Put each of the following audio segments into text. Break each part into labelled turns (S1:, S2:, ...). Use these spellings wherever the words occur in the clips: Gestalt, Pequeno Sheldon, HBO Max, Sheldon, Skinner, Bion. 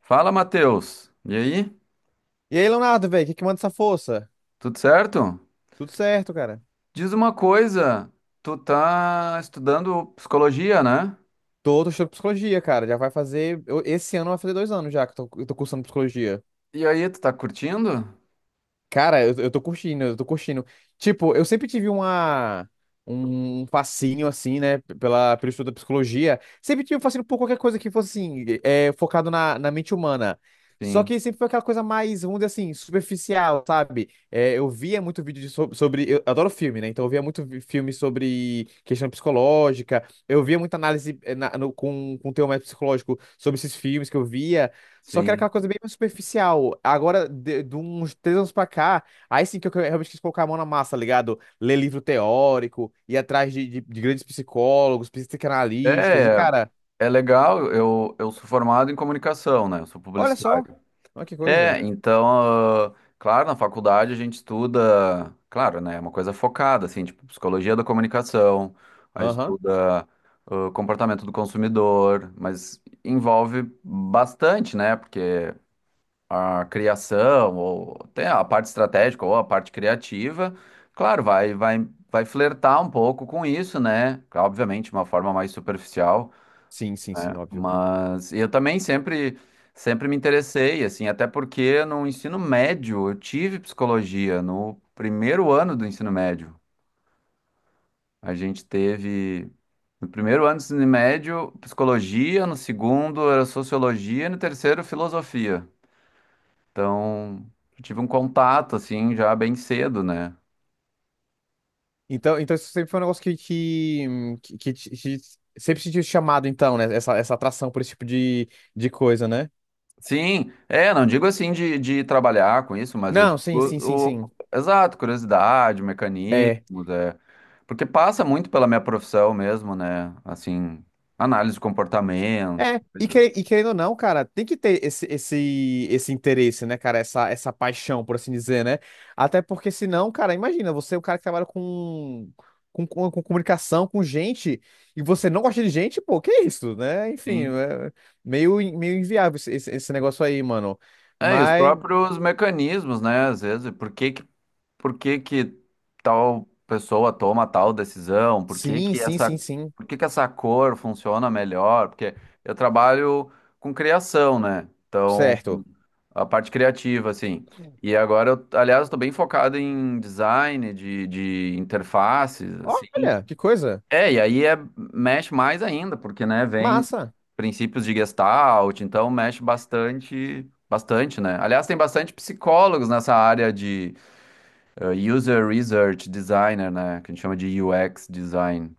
S1: Fala, Matheus. E aí?
S2: E aí, Leonardo, velho, o que que manda essa força?
S1: Tudo certo?
S2: Tudo certo, cara.
S1: Diz uma coisa, tu tá estudando psicologia, né?
S2: Tô estudando psicologia, cara. Já vai fazer. Eu- Esse ano vai fazer 2 anos já que eu tô cursando psicologia.
S1: E aí, tu tá curtindo?
S2: Cara, eu tô curtindo, eu tô curtindo. Tipo, eu sempre tive um fascínio, assim, né, pelo estudo da psicologia. Sempre tive um fascínio por qualquer coisa que fosse, assim, focado na mente humana. Só
S1: Sim,
S2: que sempre foi aquela coisa mais, vamos dizer assim, superficial, sabe? Eu via muito vídeo de sobre. Eu adoro filme, né? Então eu via muito filme sobre questão psicológica. Eu via muita análise com teor mais psicológico sobre esses filmes que eu via. Só que era
S1: sim.
S2: aquela coisa bem mais superficial. Agora, de uns 3 anos pra cá, aí sim que eu realmente quis colocar a mão na massa, tá ligado? Ler livro teórico, ir atrás de grandes psicólogos, psicanalistas, e
S1: É,
S2: cara,
S1: é legal. Eu sou formado em comunicação, né? Eu sou
S2: olha só,
S1: publicitário.
S2: olha que coisa.
S1: É, então, claro, na faculdade a gente estuda, claro, né? É uma coisa focada, assim, tipo, psicologia da comunicação, aí
S2: Aham.
S1: estuda, comportamento do consumidor, mas envolve bastante, né? Porque a criação, ou até a parte estratégica ou a parte criativa, claro, vai flertar um pouco com isso, né? Claro, obviamente, de uma forma mais superficial,
S2: Sim, sim,
S1: né?
S2: sim, óbvio.
S1: Mas eu também sempre me interessei, assim, até porque no ensino médio eu tive psicologia, no primeiro ano do ensino médio. A gente teve. No primeiro ano do ensino médio, psicologia, no segundo era sociologia, e no terceiro, filosofia. Então, eu tive um contato, assim, já bem cedo, né?
S2: Então isso sempre foi um negócio que sempre sentiu chamado, então, né? Essa atração por esse tipo de coisa, né?
S1: Sim, é, não digo assim de trabalhar com isso, mas eu digo
S2: Não, sim, sim, sim, sim.
S1: exato, curiosidade,
S2: é
S1: mecanismos, é. Porque passa muito pela minha profissão mesmo, né? Assim, análise do comportamento,
S2: É, e,
S1: coisa
S2: que- e querendo ou não, cara, tem que ter esse interesse, né, cara? Essa paixão, por assim dizer, né? Até porque senão, cara, imagina, você é um cara que trabalha com comunicação, com gente, e você não gosta de gente, pô, que isso, né? Enfim,
S1: assim.
S2: é meio inviável esse negócio aí, mano.
S1: É, e os
S2: Mas,
S1: próprios mecanismos, né? Às vezes, por que que tal pessoa toma tal decisão?
S2: sim, sim, sim, sim,
S1: Por que que essa cor funciona melhor? Porque eu trabalho com criação, né? Então,
S2: certo.
S1: a parte criativa, assim. E agora, eu, aliás, estou bem focado em design de interfaces, assim.
S2: Olha, que coisa.
S1: É, e aí é, mexe mais ainda, porque, né, vem
S2: Massa.
S1: princípios de Gestalt, então mexe bastante, bastante, né? Aliás, tem bastante psicólogos nessa área de User Research Designer, né, que a gente chama de UX Design.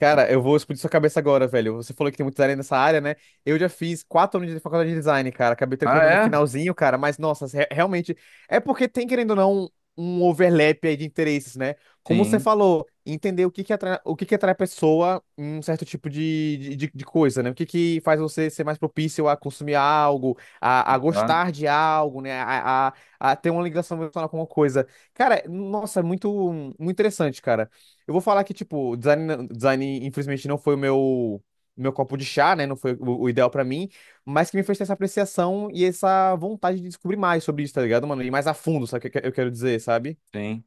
S2: Cara, eu vou explodir sua cabeça agora, velho. Você falou que tem muito design nessa área, né? Eu já fiz 4 anos de faculdade de design, cara. Acabei
S1: Ah,
S2: trancando no
S1: é?
S2: finalzinho, cara. Mas, nossa, realmente. É porque tem, querendo ou não, um overlap aí de interesses, né? Como você
S1: Sim,
S2: falou, entender o que que atrai, o que que atrai a pessoa em um certo tipo de coisa, né? O que que faz você ser mais propício a consumir algo, a
S1: exato,
S2: gostar de algo, né? A ter uma ligação emocional com uma coisa. Cara, nossa, é muito, muito interessante, cara. Eu vou falar que, tipo, design, design infelizmente não foi o meu copo de chá, né? Não foi o ideal pra mim, mas que me fez ter essa apreciação e essa vontade de descobrir mais sobre isso, tá ligado, mano? E mais a fundo, sabe o que eu quero dizer, sabe?
S1: sim.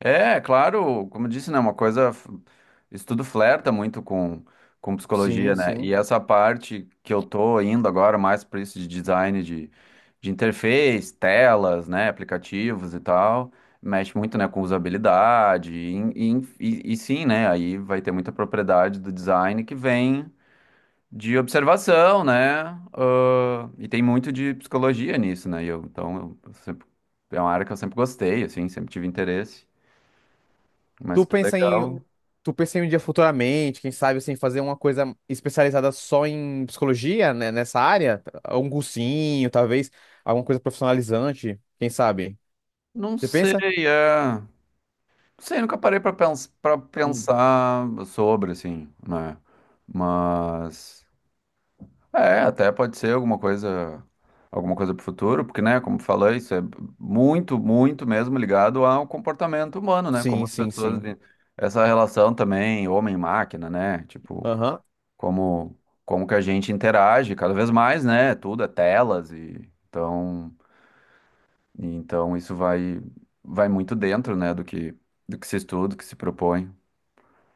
S1: É, claro, como eu disse, né, uma coisa, isso tudo flerta muito com psicologia,
S2: Sim,
S1: né,
S2: sim.
S1: e essa parte que eu tô indo agora mais para isso de design de interface, telas, né, aplicativos e tal, mexe muito, né, com usabilidade, e sim, né, aí vai ter muita propriedade do design que vem de observação, né, e tem muito de psicologia nisso, né, e eu, então, é uma área que eu sempre gostei, assim, sempre tive interesse.
S2: Tu
S1: Mas que
S2: pensa em,
S1: legal.
S2: tu pensa em um dia futuramente, quem sabe, assim, fazer uma coisa especializada só em psicologia, né, nessa área? Um cursinho, talvez, alguma coisa profissionalizante, quem sabe?
S1: Não
S2: Você
S1: sei,
S2: pensa?
S1: é. Não sei, nunca parei pra
S2: Hum.
S1: pensar sobre, assim, né? Mas. É, até pode ser alguma coisa. Alguma coisa pro futuro, porque, né, como falei, isso é muito, muito mesmo ligado ao comportamento humano, né? Como
S2: Sim,
S1: as
S2: sim,
S1: pessoas.
S2: sim.
S1: Essa relação também, homem-máquina, né? Tipo,
S2: Aham.
S1: como, como que a gente interage cada vez mais, né? Tudo é telas e então. E então isso vai muito dentro, né, do que se estuda, do que se propõe.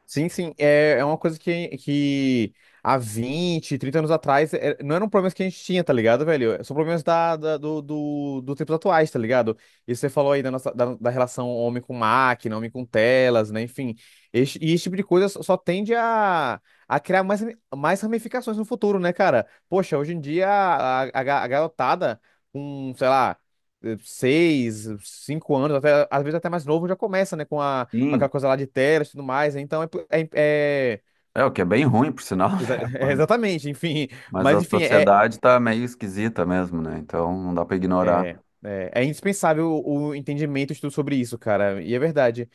S2: Sim, sim, é uma coisa que há 20 30 anos atrás não eram problemas que a gente tinha, tá ligado, velho? São problemas do tempos atuais, tá ligado? E você falou aí nossa, da relação homem com máquina, homem com telas, né? Enfim, esse tipo de coisa só tende a criar mais ramificações no futuro, né, cara? Poxa, hoje em dia a garotada com, sei lá, 6, 5 anos, até, às vezes até mais novo, já começa, né, com a aquela
S1: Sim,
S2: coisa lá de telas e tudo mais. Né? Então
S1: é o que é bem ruim, por sinal, né?
S2: é
S1: Mas,
S2: exatamente, enfim.
S1: mas,
S2: Mas
S1: a
S2: enfim, é,
S1: sociedade tá meio esquisita mesmo, né? Então não dá para ignorar.
S2: é, é, é indispensável o entendimento e estudo sobre isso, cara. E é verdade.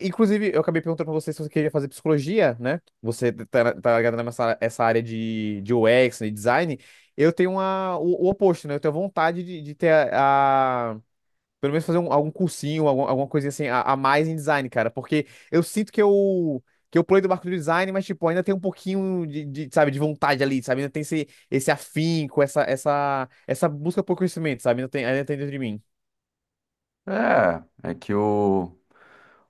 S2: Inclusive, eu acabei perguntando pra você se você queria fazer psicologia, né? Você tá ligado nessa essa área de UX, né, design. Eu tenho o oposto, né? Eu tenho vontade de ter a- pelo menos fazer algum cursinho, alguma coisinha assim, a mais em design, cara. Porque eu sinto que eu pulei do barco do design, mas, tipo, ainda tem um pouquinho sabe, de vontade ali, sabe? Ainda tem esse afinco, essa busca por conhecimento, sabe? Ainda tem dentro de mim.
S1: É, é que o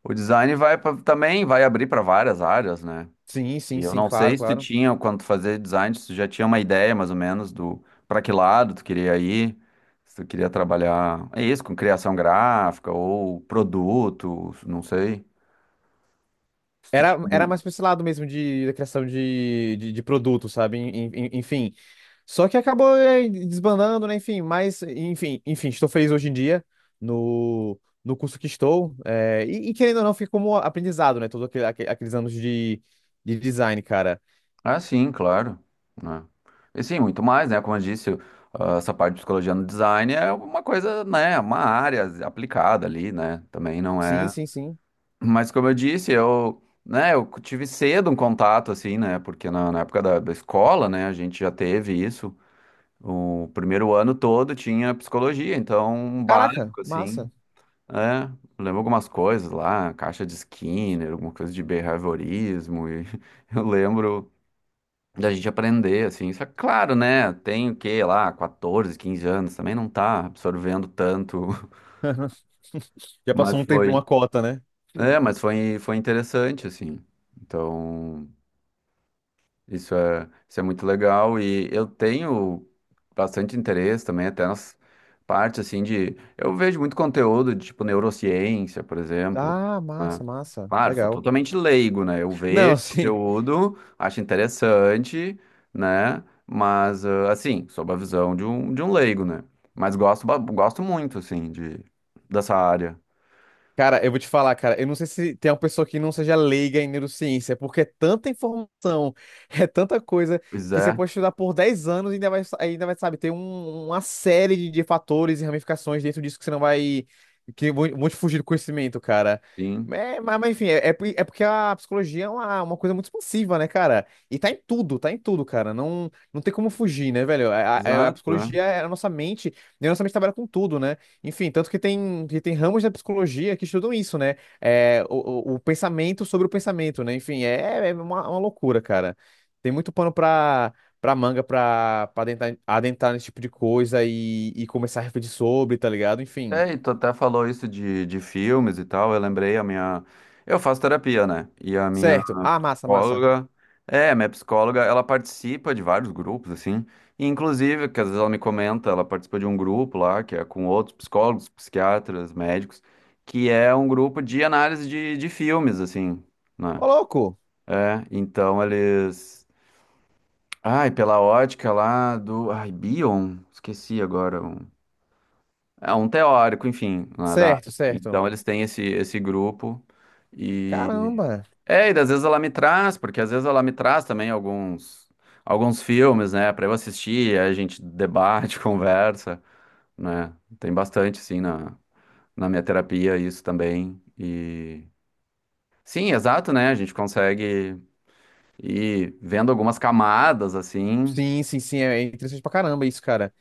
S1: o design também vai abrir para várias áreas, né?
S2: Sim,
S1: E
S2: sim,
S1: eu
S2: sim,
S1: não sei
S2: claro,
S1: se tu
S2: claro.
S1: tinha quando tu fazia design, se tu já tinha uma ideia mais ou menos do para que lado tu queria ir. Se tu queria trabalhar, é isso, com criação gráfica ou produto, não sei. Se tu
S2: Era,
S1: tinha-
S2: era mais pra esse lado mesmo da criação de produto, sabe? Enfim. Só que acabou desbandando, né? Enfim, mas, enfim, estou feliz hoje em dia no, no curso que estou. E querendo ou não, fica como aprendizado, né? Todos aqueles anos de design, cara.
S1: Ah, sim, claro, né? E sim, muito mais, né? Como eu disse, essa parte de psicologia no design é uma coisa, né? Uma área aplicada ali, né? Também não
S2: Sim,
S1: é.
S2: sim, sim.
S1: Mas como eu disse, eu, né? Eu tive cedo um contato assim, né? Porque na época da escola, né? A gente já teve isso. O primeiro ano todo tinha psicologia, então um
S2: Caraca,
S1: básico assim.
S2: massa.
S1: É, lembro algumas coisas lá, caixa de Skinner, alguma coisa de behaviorismo, e eu lembro da gente aprender, assim. Só que, claro, né? Tem o quê lá, 14, 15 anos, também não tá absorvendo tanto,
S2: Já passou
S1: mas
S2: um tempo, uma
S1: foi.
S2: cota, né? Hum.
S1: É, mas foi interessante, assim. Então. Isso é muito legal e eu tenho bastante interesse também, até nas partes assim de. Eu vejo muito conteúdo de tipo neurociência, por exemplo,
S2: Ah,
S1: né?
S2: massa, massa.
S1: Claro, sou
S2: Legal.
S1: totalmente leigo, né? Eu
S2: Não,
S1: vejo
S2: sim.
S1: conteúdo, acho interessante, né? Mas assim, sob a visão de um, leigo, né? Mas gosto, gosto muito, assim, dessa área.
S2: Cara, eu vou te falar, cara, eu não sei se tem uma pessoa que não seja leiga em neurociência, é porque é tanta informação, é tanta coisa,
S1: Pois
S2: que você
S1: é,
S2: pode estudar por 10 anos e ainda vai, sabe, ter uma série de fatores e ramificações dentro disso que você não vai, que vão te fugir do conhecimento, cara.
S1: sim.
S2: É, mas, enfim, é porque a psicologia é uma coisa muito expansiva, né, cara? E tá em tudo, cara. Não, não tem como fugir, né, velho? A
S1: Exato, é.
S2: psicologia é a nossa mente, e a nossa mente trabalha com tudo, né? Enfim, tanto que tem, ramos da psicologia que estudam isso, né? É, o pensamento sobre o pensamento, né? Enfim, é uma loucura, cara. Tem muito pano pra manga pra adentrar nesse tipo de coisa e começar a refletir sobre, tá ligado? Enfim.
S1: É, e tu até falou isso de filmes e tal. Eu lembrei a minha. Eu faço terapia, né? E a minha
S2: Certo. Ah, massa, massa.
S1: psicóloga. É, a minha psicóloga, ela participa de vários grupos, assim. E, inclusive, que às vezes ela me comenta, ela participa de um grupo lá, que é com outros psicólogos, psiquiatras, médicos, que é um grupo de análise de filmes, assim, né?
S2: Ô, louco!
S1: É, então eles. Ai, pela ótica lá do. Ai, Bion? Esqueci agora. É um teórico, enfim, lá da
S2: Certo,
S1: área.
S2: certo.
S1: Então eles têm esse grupo e
S2: Caramba.
S1: e às vezes ela me traz, porque às vezes ela me traz também alguns filmes, né, para eu assistir, aí a gente debate, conversa, né? Tem bastante sim na minha terapia isso também e sim, exato, né? A gente consegue ir vendo algumas camadas assim.
S2: Sim, sim, sim. É interessante pra caramba isso, cara.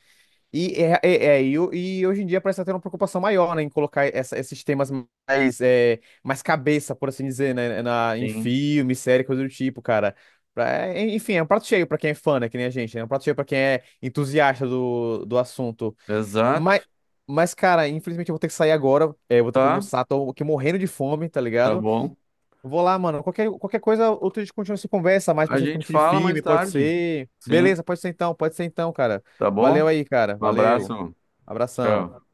S2: E hoje em dia parece até uma preocupação maior, né, em colocar esses temas mais cabeça, por assim dizer, né, em
S1: Sim.
S2: filme, série, coisa do tipo, cara. Enfim, é um prato cheio pra quem é fã, né, que nem a gente, né, é um prato cheio pra quem é entusiasta do assunto.
S1: Exato.
S2: Mas, mas, cara, infelizmente eu vou ter que sair agora, eu vou ter que
S1: Tá,
S2: almoçar, tô aqui morrendo de fome, tá
S1: tá
S2: ligado?
S1: bom.
S2: Vou lá, mano, qualquer coisa, outro dia a gente continua essa conversa, mais
S1: A gente
S2: especificamente de
S1: fala
S2: filme,
S1: mais
S2: pode
S1: tarde.
S2: ser.
S1: Sim.
S2: Beleza, pode ser então, cara.
S1: Tá
S2: Valeu
S1: bom?
S2: aí, cara,
S1: Um
S2: valeu.
S1: abraço.
S2: Abração.
S1: Tchau.